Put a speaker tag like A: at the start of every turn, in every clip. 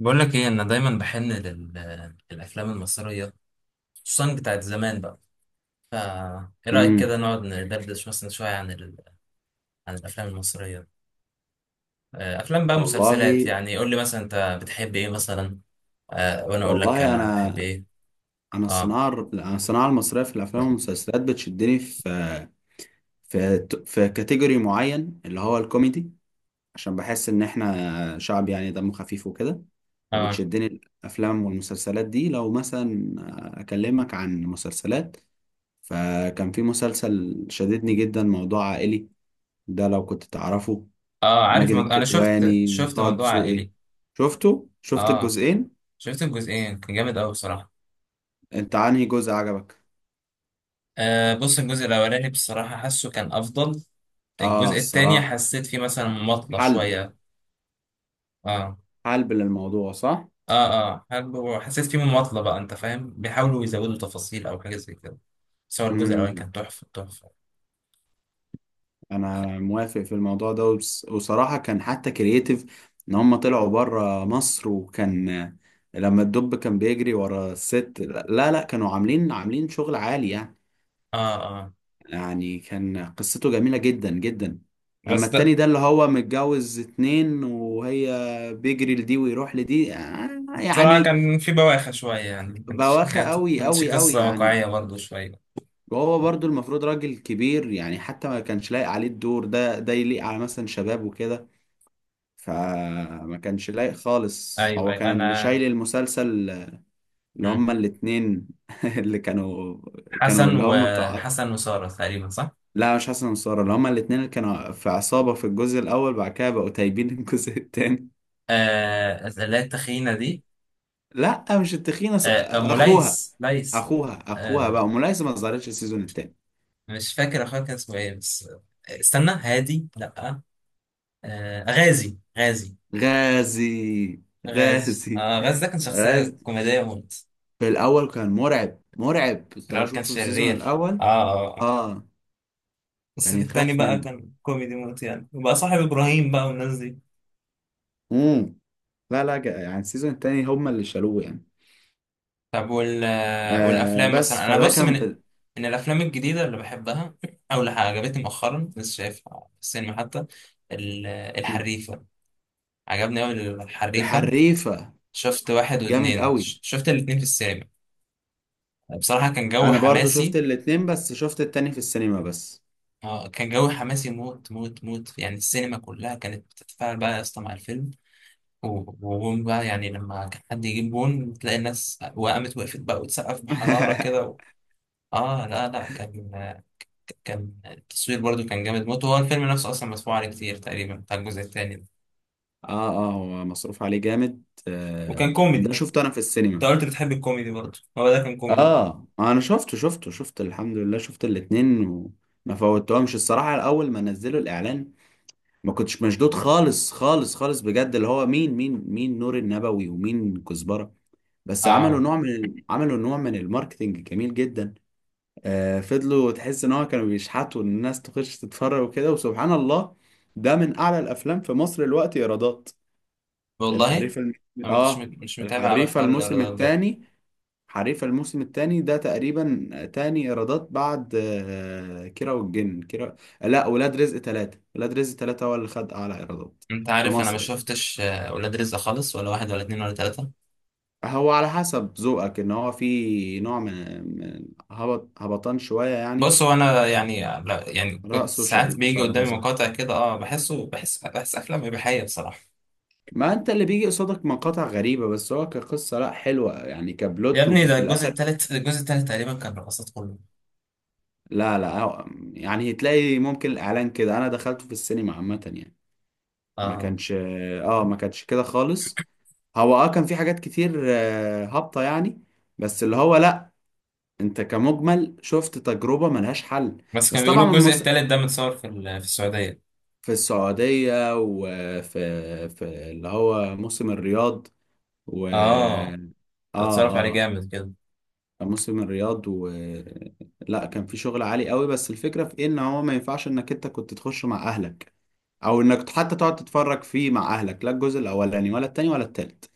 A: بقول لك ايه، انا دايما بحن للافلام المصريه، خصوصا بتاعت زمان بقى. فا ايه رايك كده
B: امم.
A: نقعد ندردش مثلا شويه عن عن الافلام المصريه؟ آه، افلام بقى مسلسلات،
B: والله
A: يعني قول لي مثلا انت بتحب ايه مثلا. آه، وانا اقول لك
B: والله
A: انا بحب
B: انا
A: ايه.
B: انا
A: اه،
B: الصناعه المصريه في الافلام والمسلسلات بتشدني في كاتيجوري معين اللي هو الكوميدي، عشان بحس ان احنا شعب يعني دمه خفيف وكده.
A: اه،
B: فبتشدني الافلام والمسلسلات دي، لو مثلا اكلمك عن مسلسلات، فكان في مسلسل شددني جدا موضوع عائلي، ده لو كنت تعرفه.
A: اه. عارف،
B: ماجد
A: انا شفت
B: الكدواني،
A: شفت
B: طه
A: موضوع
B: دسوقي.
A: عائلي.
B: شفت
A: اه.
B: الجزئين.
A: شفت الجزئين كان جامد قوي بصراحه.
B: انت عنهي جزء عجبك؟
A: آه، بص الجزء الاولاني بصراحه حاسه كان افضل.
B: اه،
A: الجزء التاني
B: الصراحة.
A: حسيت فيه مثلا مماطله
B: حلب
A: شويه. اه،
B: حلب للموضوع، صح؟
A: اه، اه. حلو، حسيت فيه مماطلة بقى. انت فاهم، بيحاولوا يزودوا تفاصيل او حاجة زي كده. بس هو الجزء الاولاني كان
B: امم
A: تحفة تحفة.
B: انا موافق في الموضوع ده، وصراحة كان حتى كرييتيف ان هم طلعوا بره مصر، وكان لما الدب كان بيجري ورا الست. لا لا، كانوا عاملين شغل عالي يعني.
A: اه، اه.
B: يعني كان قصته جميلة جدا جدا. اما
A: بس
B: التاني
A: ده،
B: ده اللي هو متجوز اتنين، وهي بيجري لدي ويروح لدي،
A: بصراحة
B: يعني
A: كان في بواخر شوية، يعني كانت
B: بواخة
A: كانت
B: قوي
A: كانت
B: قوي قوي
A: قصة
B: يعني.
A: واقعية برضه شوية.
B: وهو برضو المفروض راجل كبير يعني، حتى ما كانش لايق عليه الدور ده يليق على مثلا شباب وكده. فما كانش لايق خالص،
A: ايوه،
B: هو
A: ايوه،
B: كان اللي
A: انا.
B: شايل المسلسل، اللي
A: مم.
B: هما الاتنين اللي كانوا
A: حسن
B: اللي هما بتاع.
A: وحسن وسارة تقريبا، صح؟
B: لا مش حسن وسارة، اللي هما الاتنين اللي كانوا في عصابة في الجزء الأول، بعد كده بقوا تايبين الجزء التاني.
A: آه، اللي هي التخينة دي.
B: لا مش التخينة،
A: آه،
B: أخوها
A: ليس.
B: أخوها أخوها
A: آه،
B: بقى ملايسة ما ظهرتش السيزون التاني.
A: مش فاكر اخويا كان اسمه ايه بس. آه، استنى. هادي، لا. آه، غازي، غازي.
B: غازي
A: غاز
B: غازي.
A: آه غاز ده كان شخصية
B: غاز.
A: كوميدية موت.
B: في الاول كان مرعب مرعب،
A: في
B: انت لو
A: الأول كان
B: شفته في السيزون
A: شرير.
B: الاول.
A: آه، آه، آه.
B: اه، كان
A: الصيف التاني
B: يتخاف
A: بقى
B: منه.
A: كان كوميدي موت، يعني وبقى صاحب إبراهيم بقى والناس دي.
B: امم لا لا، يعني السيزون التاني هما اللي شالوه يعني.
A: طب، والأفلام
B: بس
A: مثلا. أنا
B: فده
A: بص، من
B: كان.
A: من الأفلام الجديدة اللي بحبها، أو اللي عجبتني مؤخرا، لسه شايفها في السينما حتى. الحريفة. عجبني أوي الحريفة.
B: الحريفة.
A: شفت واحد
B: جامد
A: واتنين،
B: قوي.
A: شفت الاتنين في السينما. بصراحة كان جو
B: انا برضو شفت
A: حماسي.
B: الاتنين، بس شفت التاني في السينما بس.
A: اه، كان جو حماسي موت موت موت، يعني السينما كلها كانت بتتفاعل بقى يا اسطى مع الفيلم. و- وجون بقى، يعني لما كان حد يجيب جون تلاقي الناس وقامت وقفت بقى وتسقف بحرارة كده اه، لا، لا، كان التصوير برضو كان جامد موت، وهو الفيلم نفسه اصلا مسموع عليه كتير تقريبا بتاع الجزء التاني ده.
B: اه اه، هو مصروف عليه جامد،
A: وكان
B: ده
A: كوميدي.
B: شفته انا في
A: انت
B: السينما.
A: قلت بتحب الكوميدي برضو، هو ده كان كوميدي برضو.
B: اه، انا شفته شفته شفت الحمد لله، شفت الاتنين وما فوتهمش الصراحة. الاول ما نزلوا الاعلان ما كنتش مشدود خالص خالص خالص بجد، اللي هو مين نور النبوي ومين كزبرة. بس
A: اه،
B: عملوا نوع من الماركتينج جميل جدا. فضلوا تحس ان هو كانوا بيشحتوا ان الناس تخش تتفرج وكده، وسبحان الله ده من اعلى الافلام في مصر الوقت ايرادات.
A: والله
B: الحريفة الم...
A: انا ما كنتش
B: اه،
A: مش متابع قوي
B: الحريفة
A: حوار
B: الموسم
A: الايرادات ده.
B: الثاني. حريفة الموسم الثاني ده تقريبا تاني ايرادات بعد كيرة والجن، كيرة. لا، ولاد رزق ثلاثة هو اللي خد اعلى ايرادات
A: انت
B: في
A: عارف، انا ما
B: مصر.
A: شفتش ولاد رزق خالص، ولا واحد ولا اتنين ولا تلاتة.
B: هو على حسب ذوقك، ان هو في نوع من من هبطان شوية يعني.
A: بص، هو انا يعني، لا يعني كنت
B: رأسه
A: ساعات بيجي قدامي
B: شعلبازات.
A: مقاطع كده، اه، بحسه بحس بحس افلام اباحيه بصراحه.
B: ما انت اللي بيجي قصادك مقاطع غريبة، بس هو كقصة لا، حلوة يعني،
A: يا
B: كبلوت
A: ابني، ده
B: وفي
A: الجزء
B: الاخر.
A: الثالث الجزء الثالث تقريبا كان رقصات كله.
B: لا لا، يعني هتلاقي ممكن الاعلان كده، انا دخلته في السينما عامة يعني. ما
A: اه،
B: كانش اه ما كانش كده خالص. هو كان في حاجات كتير هابطة يعني، بس اللي هو لا، انت كمجمل شفت تجربة ملهاش حل.
A: بس
B: بس
A: كانوا
B: طبعا
A: بيقولوا الجزء الثالث ده متصور في في السعوديه.
B: في السعودية، وفي اللي هو موسم الرياض، و.
A: اه، ده
B: اه
A: اتصرف عليه
B: اه،
A: جامد كده.
B: كان موسم الرياض، و. لا، كان في شغل عالي قوي. بس الفكرة في ايه، ان هو ما ينفعش انك انت كنت تخش مع اهلك، او انك حتى تقعد تتفرج فيه مع اهلك، لا الجزء الاولاني ولا التاني ولا التالت،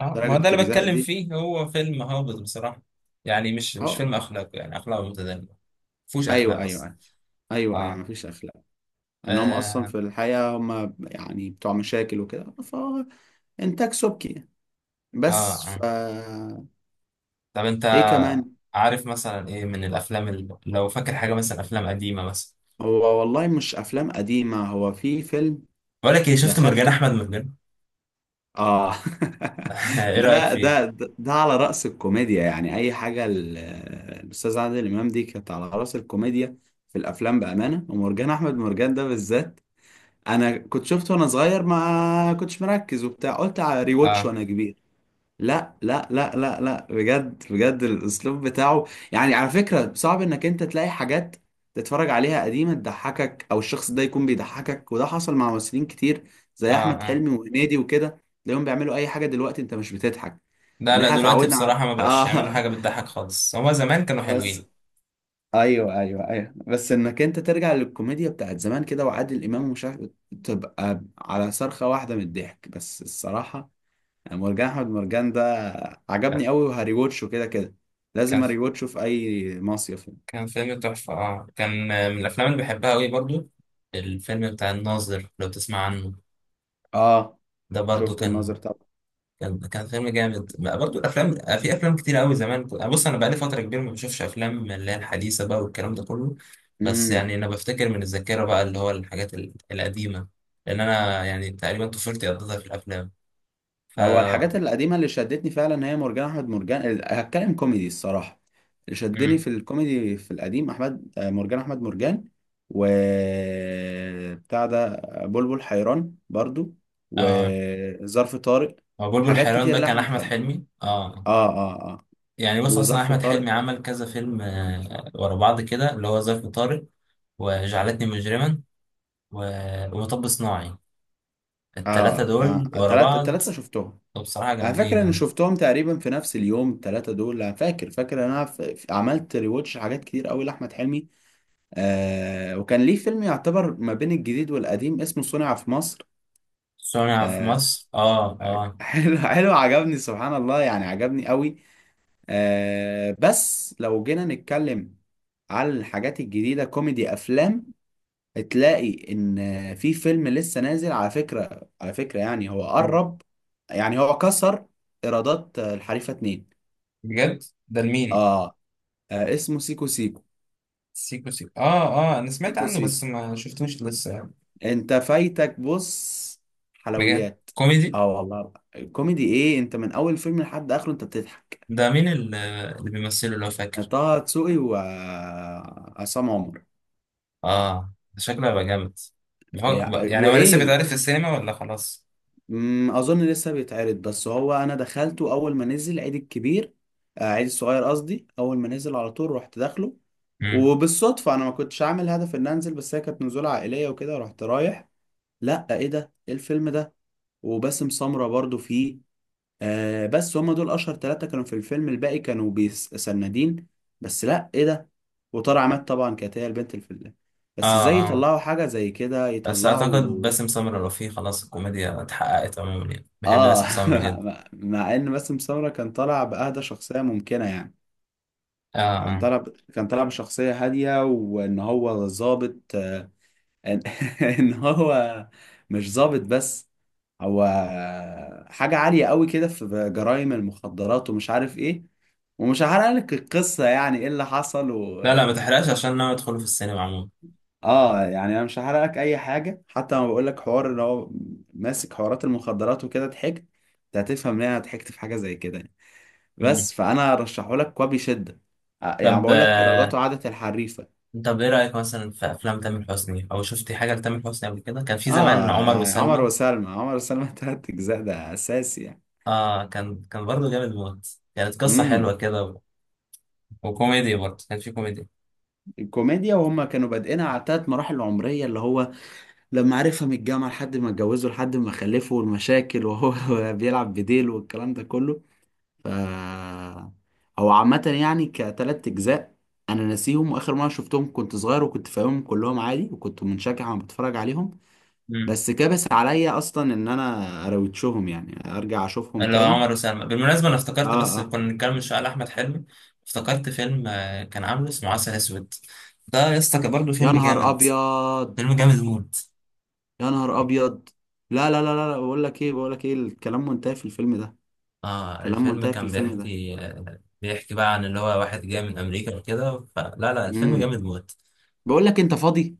A: اه،
B: درجة
A: ما هو ده اللي
B: التجزاء
A: بتكلم
B: دي.
A: فيه هو فيلم هابط بصراحه. يعني مش
B: اه،
A: فيلم اخلاق، يعني اخلاقه متدنيه. مفهوش
B: ايوه
A: اخلاق
B: ايوه
A: اصلا.
B: أيوه. ايوه ايوه،
A: اه،
B: مفيش اخلاق. ان هم اصلا
A: اه،
B: في الحياه هم يعني بتوع مشاكل وكده. فانتاج سبكي يعني.
A: اه،
B: بس ف.
A: آه. طب، انت
B: ايه كمان؟
A: عارف مثلا ايه من الافلام، اللي لو فاكر حاجه مثلا، افلام قديمه مثلا؟
B: هو والله مش افلام قديمه، هو في فيلم
A: بقول لك ايه، شفت مرجان
B: دخلته.
A: احمد مرجان؟
B: اه.
A: ايه رايك
B: ده ده
A: فيه؟
B: ده ده على رأس الكوميديا يعني، اي حاجه الاستاذ عادل امام دي كانت على رأس الكوميديا في الافلام بامانه، ومرجان احمد مرجان ده بالذات. انا كنت شفته وانا صغير، ما كنتش مركز وبتاع، قلت على ريواتش
A: اه،
B: وانا كبير. لا لا لا لا لا، بجد بجد الاسلوب بتاعه يعني، على فكرة صعب انك انت تلاقي حاجات تتفرج عليها قديمة تضحكك، او الشخص ده يكون بيضحكك. وده حصل مع ممثلين كتير
A: اه،
B: زي احمد
A: اه.
B: حلمي وهنيدي وكده، تلاقيهم بيعملوا اي حاجة دلوقتي انت مش بتضحك.
A: لا،
B: ان
A: لا،
B: احنا
A: دلوقتي
B: اتعودنا على.
A: بصراحه ما بقاش يعملوا
B: اه.
A: حاجه بتضحك خالص. هما زمان كانوا
B: بس
A: حلوين.
B: ايوه ايوه ايوه، بس انك انت ترجع للكوميديا بتاعت زمان كده وعادل امام ومش عارف، تبقى على صرخة واحدة من الضحك. بس الصراحة مرجان احمد مرجان ده عجبني
A: كان
B: قوي، وهريوتشه كده كده، لازم
A: كان
B: اريوتشه في اي مصيف يعني.
A: كان فيلم تحفه. اه كان من الافلام اللي بحبها قوي برضو. الفيلم بتاع الناظر، لو تسمع عنه.
B: اه،
A: ده برضو
B: شفت الناظر طبعا.
A: كان فيلم جامد بقى. برضو الافلام، في افلام كتير قوي زمان. بص، انا بقالي فتره كبيره ما بشوفش افلام اللي هي الحديثه بقى والكلام ده كله. بس
B: امم
A: يعني انا بفتكر من الذاكره بقى، اللي هو الحاجات القديمه. لان انا يعني تقريبا طفولتي قضيتها في الافلام. ف
B: هو الحاجات القديمه اللي شدتني فعلا هي مرجان احمد مرجان، هتكلم كوميدي الصراحه، اللي شدني
A: امم
B: في الكوميدي في القديم احمد آه، مرجان احمد مرجان. و بتاع ده بلبل حيران برضو،
A: اه،
B: وظرف طارق.
A: هو بلبل
B: حاجات
A: حيران
B: كتير
A: ده كان
B: لاحمد
A: احمد
B: حلمي.
A: حلمي، اه.
B: اه اه اه.
A: يعني بص، اصلا
B: وظرف
A: احمد
B: طارق.
A: حلمي عمل كذا فيلم ورا بعض كده، اللي هو ظرف طارق، وجعلتني مجرما، ومطب صناعي. التلاتة
B: اه اه،
A: دول ورا
B: التلاتة
A: بعض،
B: التلاتة شفتهم.
A: بصراحة
B: على فكرة، أنا
A: جامدين
B: فاكر ان
A: يعني.
B: شفتهم تقريبا في نفس اليوم، التلاتة دول، أنا فاكر ان أنا عملت ريواتش حاجات كتير أوي لأحمد حلمي. وكان ليه فيلم يعتبر ما بين الجديد والقديم اسمه صنع في مصر.
A: صنع في
B: آه
A: مصر، اه، اه.
B: حلو حلو، عجبني سبحان الله يعني، عجبني أوي. بس لو جينا نتكلم على الحاجات الجديدة، كوميدي أفلام، تلاقي إن في فيلم لسه نازل. على فكرة يعني هو قرب، يعني هو كسر إيرادات الحريفة اتنين.
A: بجد؟ ده لمين؟
B: اه. اسمه سيكو سيكو.
A: سيكو سيكو، اه. اه، انا سمعت
B: سيكو
A: عنه
B: سيكو.
A: بس ما شفتوش لسه يعني.
B: انت فايتك، بص.
A: بجد
B: حلويات.
A: كوميدي؟
B: اه والله، الكوميدي ايه، انت من اول فيلم لحد اخره انت بتضحك.
A: ده مين اللي بيمثله، لو فاكر؟
B: طه دسوقي وعصام عمر.
A: اه، ده شكله هيبقى جامد. يعني
B: يعني
A: يعني هو لسه
B: وايه.
A: بيتعرض في السينما ولا خلاص؟
B: اظن لسه بيتعرض، بس هو انا دخلته اول ما نزل عيد الكبير. عيد الصغير قصدي، اول ما نزل على طول رحت داخله.
A: مم.
B: وبالصدفة انا ما كنتش عامل هدف ان انزل، بس هي كانت نزولة عائلية وكده، رحت رايح. لا، ايه ده، ايه الفيلم ده. وباسم سمرة برضو فيه. بس هم دول اشهر ثلاثة كانوا في الفيلم، الباقي كانوا بيسندين. بس لا، ايه ده، وطار عماد طبعا كانت هي البنت
A: اه،
B: بس ازاي
A: اه.
B: يطلعوا حاجة زي كده،
A: بس اعتقد
B: يطلعوا.
A: باسم سمرة رفيع، خلاص الكوميديا اتحققت عموما، يعني بحب
B: اه،
A: باسم سمرة جدا.
B: مع ان باسم سمرة كان طالع بأهدى شخصية ممكنة يعني.
A: اه،
B: كان
A: اه،
B: طالع ب... كان طالع بشخصية هادية، وان هو ظابط، آه، ان إن هو مش ظابط بس، هو حاجة عالية قوي كده في جرائم المخدرات ومش عارف ايه. ومش هحرق لك القصة، يعني ايه اللي حصل و.
A: لا، لا ما تحرقش عشان انا ادخله في السينما عموما.
B: اه، يعني انا مش هحرق لك اي حاجة، حتى لما بقول لك حوار اللي هو ماسك حوارات المخدرات وكده ضحكت، انت هتفهم ليه انا ضحكت في حاجة زي كده يعني.
A: مم.
B: بس فانا رشحه لك وبشدة. يعني
A: طب،
B: بقول لك ايراداته عادت الحريفة.
A: طب ايه رأيك مثلا في افلام تامر حسني، او شفتي حاجة لتامر حسني قبل كده؟ كان في زمان
B: اه
A: عمر
B: يعني، عمر
A: وسلمى.
B: وسلمى، عمر وسلمى تلات اجزاء ده اساسي يعني.
A: اه، كان برضه جامد موت. كانت قصة
B: امم
A: حلوة كده وكوميدي، برضه كان في كوميدي.
B: الكوميديا وهم كانوا بادئينها على تلات مراحل عمرية، اللي هو لما عرفها من الجامعة لحد ما اتجوزه لحد ما خلفه والمشاكل، وهو بيلعب بديل والكلام ده كله. ف، هو عامة يعني كتلات أجزاء، أنا ناسيهم، وآخر مرة شفتهم كنت صغير وكنت فاهمهم كلهم عادي، وكنت منشجع وأنا بتفرج عليهم.
A: امم
B: بس كبس عليا أصلا إن أنا أروتشهم، يعني أرجع أشوفهم
A: اللي هو
B: تاني.
A: عمر وسلمى. بالمناسبة انا افتكرت،
B: آه
A: بس
B: آه.
A: كنا بنتكلم من شوية على احمد حلمي، افتكرت فيلم كان عامله اسمه عسل اسود. ده يا اسطى كان برضه
B: يا
A: فيلم
B: نهار
A: جامد.
B: أبيض.
A: فيلم جامد موت.
B: يا نهار أبيض. لا لا لا لا لا، بقول لك إيه، بقول لك إيه، الكلام منتهي في الفيلم ده.
A: اه،
B: الكلام
A: الفيلم
B: منتهي في
A: كان
B: الفيلم ده.
A: بيحكي بقى عن اللي هو واحد جاي من امريكا وكده. فلا، لا، الفيلم
B: امم
A: جامد موت.
B: بقول لك، أنت فاضي؟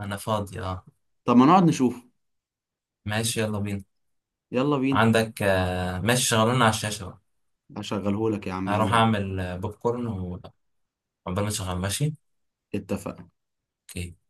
A: انا فاضي، اه.
B: طب ما نقعد نشوف.
A: ماشي، يلا بينا.
B: يلا بينا.
A: عندك، ماشي، شغلونا على الشاشة بقى.
B: هشغلهولك يا عم،
A: هروح
B: يلا بينا.
A: أعمل بوب كورن، وعقبال ما تشغل. ماشي.
B: اتفقنا.
A: أوكي.